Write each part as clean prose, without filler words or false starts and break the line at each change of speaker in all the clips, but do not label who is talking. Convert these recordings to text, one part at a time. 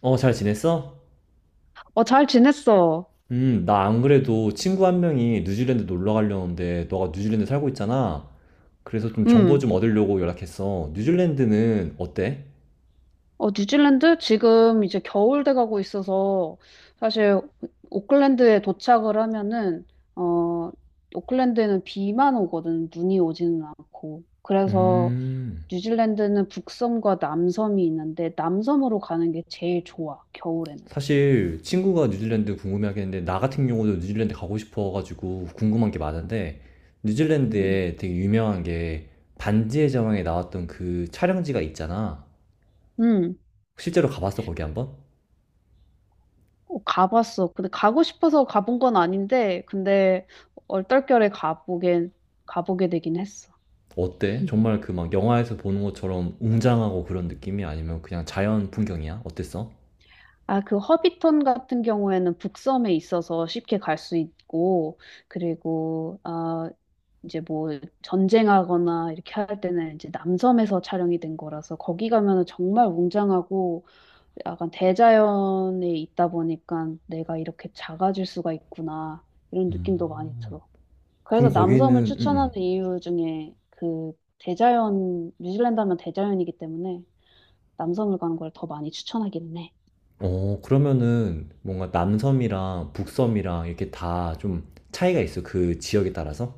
어, 잘 지냈어?
어, 잘 지냈어.
나 안 그래도 친구 한 명이 뉴질랜드 놀러 가려는데 너가 뉴질랜드 살고 있잖아. 그래서 좀 정보
음.
좀 얻으려고 연락했어. 뉴질랜드는 어때?
어, 뉴질랜드? 지금 이제 겨울 돼가고 있어서 사실 오클랜드에 도착을 하면은, 어, 오클랜드에는 비만 오거든. 눈이 오지는 않고. 그래서
음,
뉴질랜드는 북섬과 남섬이 있는데 남섬으로 가는 게 제일 좋아, 겨울에는.
사실 친구가 뉴질랜드 궁금해하겠는데 나 같은 경우도 뉴질랜드 가고 싶어가지고 궁금한 게 많은데
음.
뉴질랜드에 되게 유명한 게 반지의 제왕에 나왔던 그 촬영지가 있잖아.
음.
실제로 가봤어, 거기 한번?
어, 가봤어. 근데 가고 싶어서 가본 건 아닌데, 근데 얼떨결에 가보게 되긴 했어.
어때? 정말 그 막 영화에서 보는 것처럼 웅장하고 그런 느낌이 아니면 그냥 자연 풍경이야? 어땠어?
아, 그 허비턴 같은 경우에는 북섬에 있어서 쉽게 갈 수 있고, 그리고, 이제 뭐 전쟁하거나 이렇게 할 때는 이제 남섬에서 촬영이 된 거라서 거기 가면은 정말 웅장하고 약간 대자연에 있다 보니까 내가 이렇게 작아질 수가 있구나 이런 느낌도 많이 들어. 그래서
그럼 거기는
남섬을
음,
추천하는
음.
이유 중에 그 대자연, 뉴질랜드 하면 대자연이기 때문에 남섬을 가는 걸 더 많이 추천하기는 해.
어, 그러면은 뭔가 남섬이랑 북섬이랑 이렇게 다 좀 차이가 있어. 그 지역에 따라서?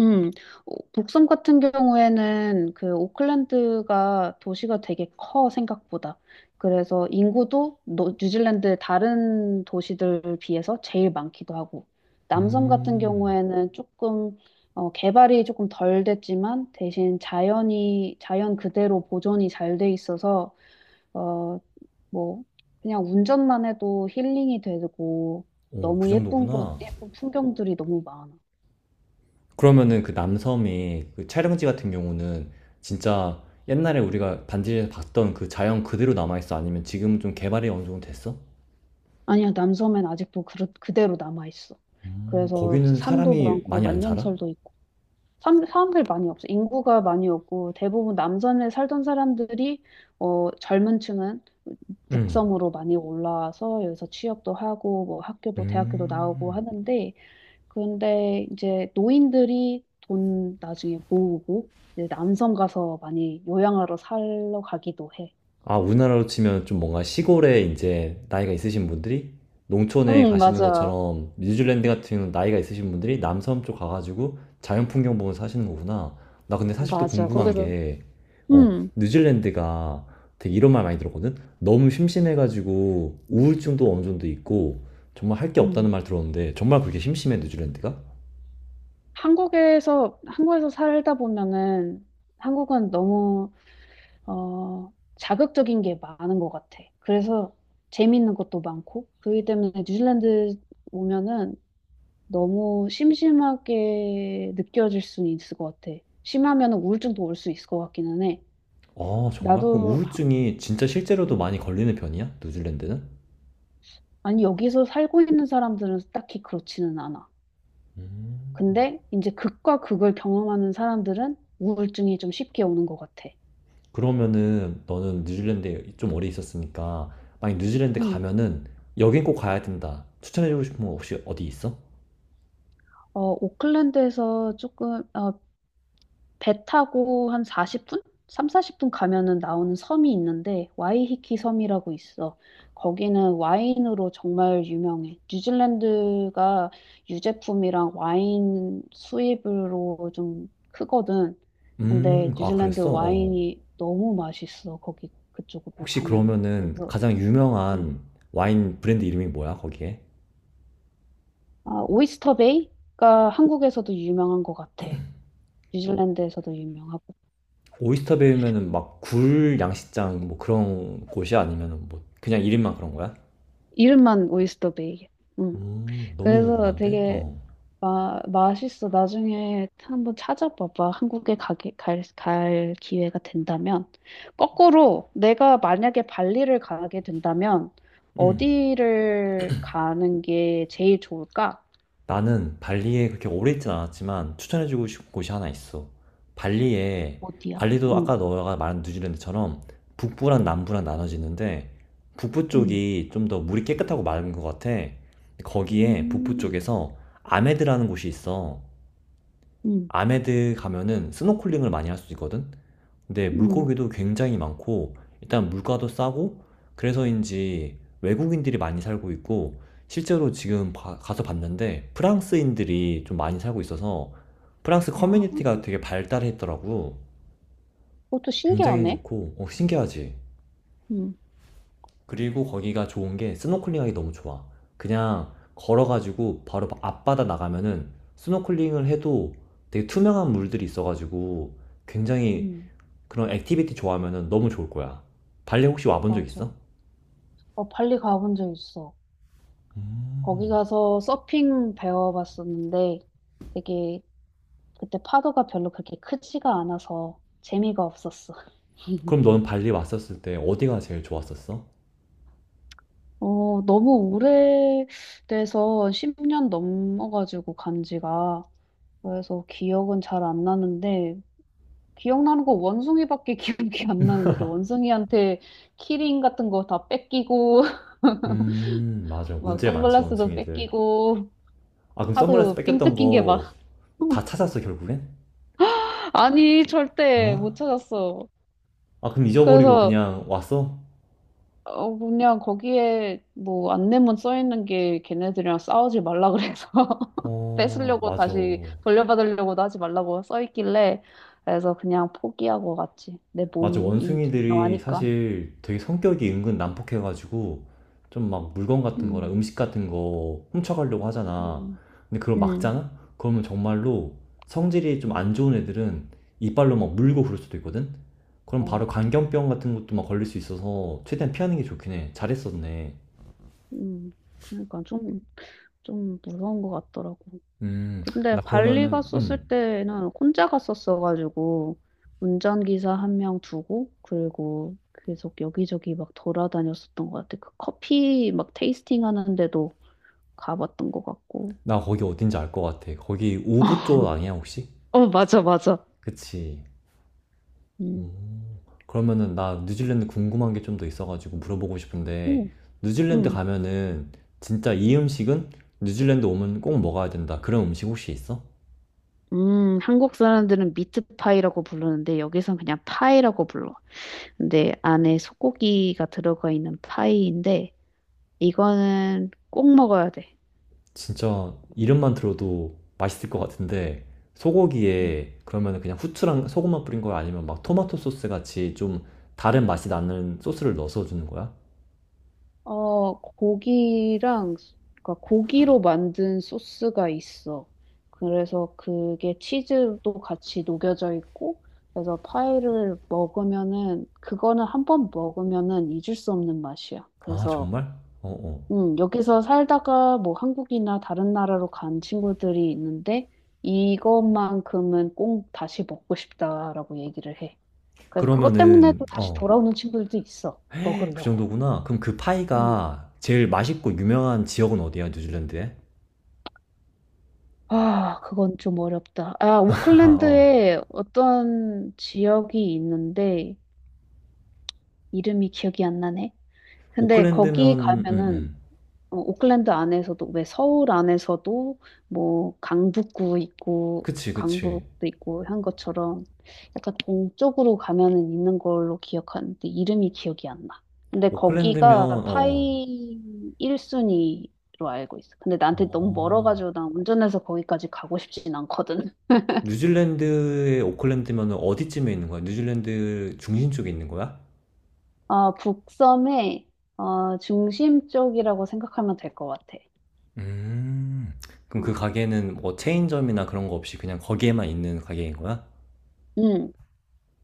음, 북섬 같은 경우에는 그 오클랜드가 도시가 되게 커 생각보다. 그래서 인구도 뉴질랜드 다른 도시들 비해서 제일 많기도 하고. 남섬 같은
음.
경우에는 조금 개발이 조금 덜 됐지만 대신 자연이 자연 그대로 보존이 잘 돼 있어서 어, 뭐 그냥 운전만 해도 힐링이 되고
오, 그
너무 예쁜 곳,
정도구나.
예쁜 풍경들이 너무 많아.
그러면은 그 남섬이 그 촬영지 같은 경우는 진짜 옛날에 우리가 반지에서 봤던 그 자연 그대로 남아있어? 아니면 지금 좀 개발이 어느 정도 됐어?
아니야, 남섬엔 아직도 그대로 남아있어. 그래서
거기는
산도
사람이
많고
많이 안 살아?
만년설도 있고 사람들 많이 없어. 인구가 많이 없고 대부분 남섬에 살던 사람들이 젊은 층은
응.
북섬으로 많이 올라와서 여기서 취업도 하고 뭐 학교도 대학교도 나오고
음.
하는데 근데 이제 노인들이 돈 나중에 모으고 이제 남섬 가서 많이 요양하러 살러 가기도 해.
아, 우리나라로 치면 좀 뭔가 시골에 이제 나이가 있으신 분들이 농촌에
응,
가시는
맞아.
것처럼 뉴질랜드 같은 경우는 나이가 있으신 분들이 남섬 쪽 가가지고 자연 풍경 보면서 사시는 거구나. 나 근데 사실 또
맞아.
궁금한
거기서.
게, 어,
응
뉴질랜드가 되게 이런 말 많이 들었거든? 너무 심심해가지고 우울증도 어느 정도 있고 정말 할 게 없다는
응
말 들었는데 정말 그렇게 심심해, 뉴질랜드가?
한국에서 살다 보면은 한국은 너무 자극적인 게 많은 것 같아. 그래서 재밌는 것도 많고 그렇기 때문에 뉴질랜드 오면은 너무 심심하게 느껴질 수는 있을 것 같아. 심하면 우울증도 올 수 있을 것 같기는 해.
아, 정말? 그럼
나도 하-
우울증이 진짜 실제로도
음,
많이 걸리는 편이야? 뉴질랜드는?
아니 여기서 살고 있는 사람들은 딱히 그렇지는 않아.
음.
근데 이제 극과 극을 경험하는 사람들은 우울증이 좀 쉽게 오는 것 같아.
그러면은 너는 뉴질랜드에 좀 오래 있었으니까 만약 뉴질랜드
음.
가면은 여긴 꼭 가야 된다. 추천해주고 싶은 거 혹시 어디 있어?
오클랜드에서 조금, 배 타고 한 40분? 3, 40분 가면은 나오는 섬이 있는데, 와이히키 섬이라고 있어. 거기는 와인으로 정말 유명해. 뉴질랜드가 유제품이랑 와인 수입으로 좀 크거든. 근데
아,
뉴질랜드
그랬어? 어. 어.
와인이 너무 맛있어. 거기 그쪽으로
혹시
가면은.
그러면은
그래서,
가장
음.
유명한 와인 브랜드 이름이 뭐야, 거기에?
아, 오이스터 베이가 한국에서도 유명한 것 같아. 뉴질랜드에서도 유명하고.
오이스터 베이면은 막 굴 양식장 뭐 그런 곳이 아니면은 뭐 그냥 이름만 그런 거야?
이름만 오이스터베이. 응.
너무
그래서
궁금한데?
되게
어.
맛있어. 나중에 한번 찾아봐봐. 한국에 갈 기회가 된다면. 거꾸로 내가 만약에 발리를 가게 된다면
음.
어디를 가는 게 제일 좋을까?
나는 발리에 그렇게 오래 있진 않았지만 추천해주고 싶은 곳이 하나 있어. 발리에,
어디야?
발리도
응.
아까 너가 말한 뉴질랜드처럼 북부랑 남부랑 나눠지는데 북부
응.
쪽이 좀 더 물이 깨끗하고 맑은 것 같아. 거기에 북부
음.
쪽에서 아메드라는 곳이 있어.
응.
아메드 가면은 스노클링을 많이 할 수 있거든? 근데
응.
물고기도 굉장히 많고 일단 물가도 싸고 그래서인지 외국인들이 많이 살고 있고 실제로 지금 가서 봤는데 프랑스인들이 좀 많이 살고 있어서 프랑스
아,
커뮤니티가 되게 발달했더라고.
그것도
굉장히
신기하네.
좋고 어, 신기하지.
응.
그리고 거기가 좋은 게 스노클링하기 너무 좋아. 그냥 걸어가지고 바로 앞바다 나가면은 스노클링을 해도 되게 투명한 물들이 있어가지고 굉장히
응.
그런 액티비티 좋아하면 너무 좋을 거야. 발리 혹시 와본 적
맞아.
있어?
발리 가본 적 있어. 거기 가서 서핑 배워봤었는데 되게 그때 파도가 별로 그렇게 크지가 않아서 재미가 없었어.
그럼 너는 발리 왔었을 때 어디가 제일 좋았었어?
너무 오래돼서 10년 넘어가지고 간 지가. 그래서 기억은 잘 안 나는데 기억나는 거 원숭이밖에 기억이 안 나는 것 같아. 원숭이한테 키링 같은 거 다 뺏기고
맞아.
막
문제 많지,
선글라스도
원숭이들.
뺏기고
아, 그럼 선글라스
하도 삥
뺏겼던
뜯긴 게
거
막.
다 찾았어, 결국엔?
아니 절대
어?
못 찾았어.
아, 그럼 잊어버리고
그래서
그냥 왔어?
그냥 거기에 뭐 안내문 써 있는 게 걔네들이랑 싸우지 말라 그래서
어,
뺏으려고
맞아.
다시 돌려받으려고도 하지 말라고 써 있길래 그래서 그냥 포기하고 갔지. 내
맞아,
몸이
원숭이들이
중요하니까.
사실 되게 성격이 은근 난폭해가지고 좀 막 물건 같은 거나
음,
음식 같은 거 훔쳐가려고 하잖아.
음,
근데 그걸
음,
막잖아? 그러면 정말로 성질이 좀 안 좋은 애들은 이빨로 막 물고 그럴 수도 있거든? 그럼 바로
어,
광견병 같은 것도 막 걸릴 수 있어서 최대한 피하는 게 좋긴 해. 잘했었네.
음. 그러니까 좀 무서운 것 같더라고.
음,
근데
나
발리
그러면은,
갔었을
음,
때는 혼자 갔었어가지고 운전기사 한 명 두고 그리고 계속 여기저기 막 돌아다녔었던 것 같아. 그 커피 막 테이스팅 하는데도 가봤던 것 같고.
나 거기 어딘지 알 것 같아. 거기 우부 쪽 아니야, 혹시?
어, 맞아, 맞아.
그치.
음,
그러면은 나 뉴질랜드 궁금한 게 좀 더 있어가지고 물어보고 싶은데
음,
뉴질랜드
음.
가면은 진짜 이 음식은 뉴질랜드 오면 꼭 먹어야 된다. 그런 음식 혹시 있어?
한국 사람들은 미트파이라고 부르는데 여기선 그냥 파이라고 불러. 근데 안에 소고기가 들어가 있는 파이인데 이거는 꼭 먹어야 돼.
진짜 이름만 들어도 맛있을 것 같은데
음.
소고기에 그러면은 그냥 후추랑 소금만 뿌린 거야? 아니면 막 토마토 소스 같이 좀 다른 맛이 나는 소스를 넣어서 주는 거야?
고기랑, 그러니까 고기로 만든 소스가 있어. 그래서 그게 치즈도 같이 녹여져 있고, 그래서 파이를 먹으면은, 그거는 한 번 먹으면은 잊을 수 없는 맛이야.
아,
그래서,
정말? 어, 어.
여기서 살다가 뭐 한국이나 다른 나라로 간 친구들이 있는데, 이것만큼은 꼭 다시 먹고 싶다라고 얘기를 해. 그래서 그것 때문에
그러면은
또 다시
어,
돌아오는 친구들도 있어.
그
먹으려고.
정도구나. 그럼 그 파이가 제일 맛있고 유명한 지역은 어디야, 뉴질랜드에?
아, 그건 좀 어렵다. 아,
어.
오클랜드에 어떤 지역이 있는데 이름이 기억이 안 나네. 근데 거기
오클랜드면
가면은 오클랜드 안에서도 왜 서울 안에서도 뭐 강북구 있고
그치 그치
강북도 있고 한 것처럼 약간 동쪽으로 가면은 있는 걸로 기억하는데 이름이 기억이 안 나. 근데
오클랜드면
거기가
어,
파이 1순위로 알고 있어. 근데 나한테 너무
어.
멀어가지고 난 운전해서 거기까지 가고 싶진 않거든.
뉴질랜드의 오클랜드면 어디쯤에 있는 거야? 뉴질랜드 중심 쪽에 있는 거야?
북섬의 중심 쪽이라고 생각하면 될 것 같아.
음. 그럼 그
어,
가게는 뭐 체인점이나 그런 거 없이 그냥 거기에만 있는 가게인 거야?
음.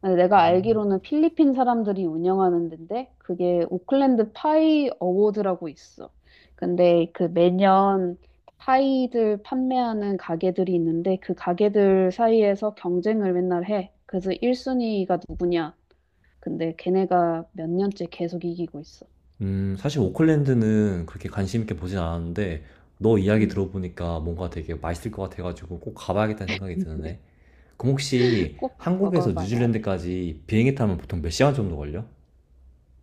네, 내가 알기로는 필리핀 사람들이 운영하는 데인데 그게 오클랜드 파이 어워드라고 있어. 근데 그 매년 파이들 판매하는 가게들이 있는데 그 가게들 사이에서 경쟁을 맨날 해. 그래서 1순위가 누구냐? 근데 걔네가 몇 년째 계속 이기고 있어.
사실 오클랜드는 그렇게 관심 있게 보진 않았는데 너 이야기
음.
들어보니까 뭔가 되게 맛있을 것 같아가지고 꼭 가봐야겠다는 생각이 드는데. 그럼 혹시
꼭
한국에서
먹어봐야 돼.
뉴질랜드까지 비행기 타면 보통 몇 시간 정도 걸려?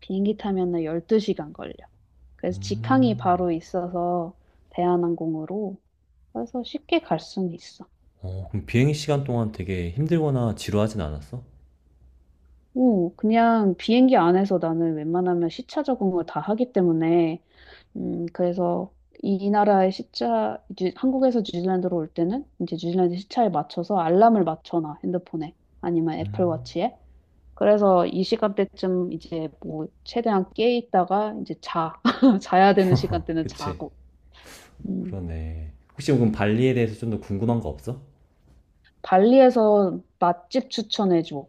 비행기 타면은 12시간 걸려. 그래서 직항이 바로 있어서 대한항공으로 그래서 쉽게 갈 수는 있어.
어, 그럼 비행 시간 동안 되게 힘들거나 지루하진 않았어?
오, 그냥 비행기 안에서 나는 웬만하면 시차 적응을 다 하기 때문에 그래서 이 나라의 시차, 한국에서 뉴질랜드로 올 때는 이제 뉴질랜드 시차에 맞춰서 알람을 맞춰놔, 핸드폰에. 아니면 애플워치에. 그래서 이 시간대쯤 이제 뭐 최대한 깨 있다가 이제 자. 자야 되는 시간대는
그치.
자고. 음,
그러네. 혹시 그럼 발리에 대해서 좀 더 궁금한 거 없어?
발리에서 맛집 추천해줘.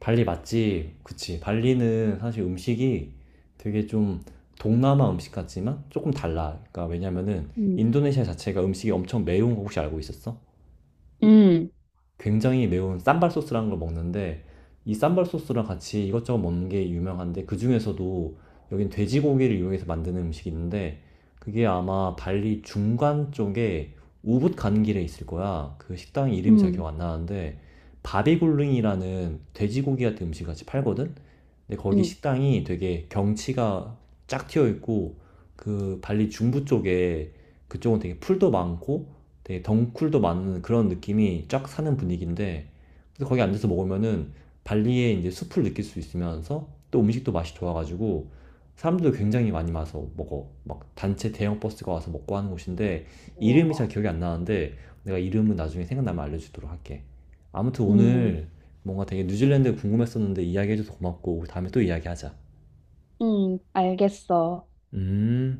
발리 맛집, 그치. 발리는 사실 음식이 되게 좀 동남아 음식 같지만 조금 달라. 그러니까 왜냐면은
음,
인도네시아 자체가 음식이 엄청 매운 거 혹시 알고 있었어?
음,
굉장히 매운 쌈발 소스라는 걸 먹는데 이 쌈발 소스랑 같이 이것저것 먹는 게 유명한데 그 중에서도 여긴 돼지고기를 이용해서 만드는 음식이 있는데 그게 아마 발리 중간 쪽에 우붓 가는 길에 있을 거야. 그 식당 이름이 잘 기억
음,
안 나는데 바비굴링이라는 돼지고기 같은 음식 같이 팔거든. 근데 거기
음,
식당이 되게 경치가 쫙 튀어 있고 그 발리 중부 쪽에 그쪽은 되게 풀도 많고 되게 덩쿨도 많은 그런 느낌이 쫙 사는 분위기인데 그래서 거기 앉아서 먹으면은 발리의 이제 숲을 느낄 수 있으면서 또 음식도 맛이 좋아가지고 사람들도 굉장히 많이 와서 먹어 막 단체 대형 버스가 와서 먹고 하는 곳인데 이름이
우와.
잘 기억이 안 나는데 내가 이름은 나중에 생각나면 알려주도록 할게 아무튼
음,
오늘 뭔가 되게 뉴질랜드 궁금했었는데 이야기해줘서 고맙고 다음에 또 이야기하자.
알겠어.
음.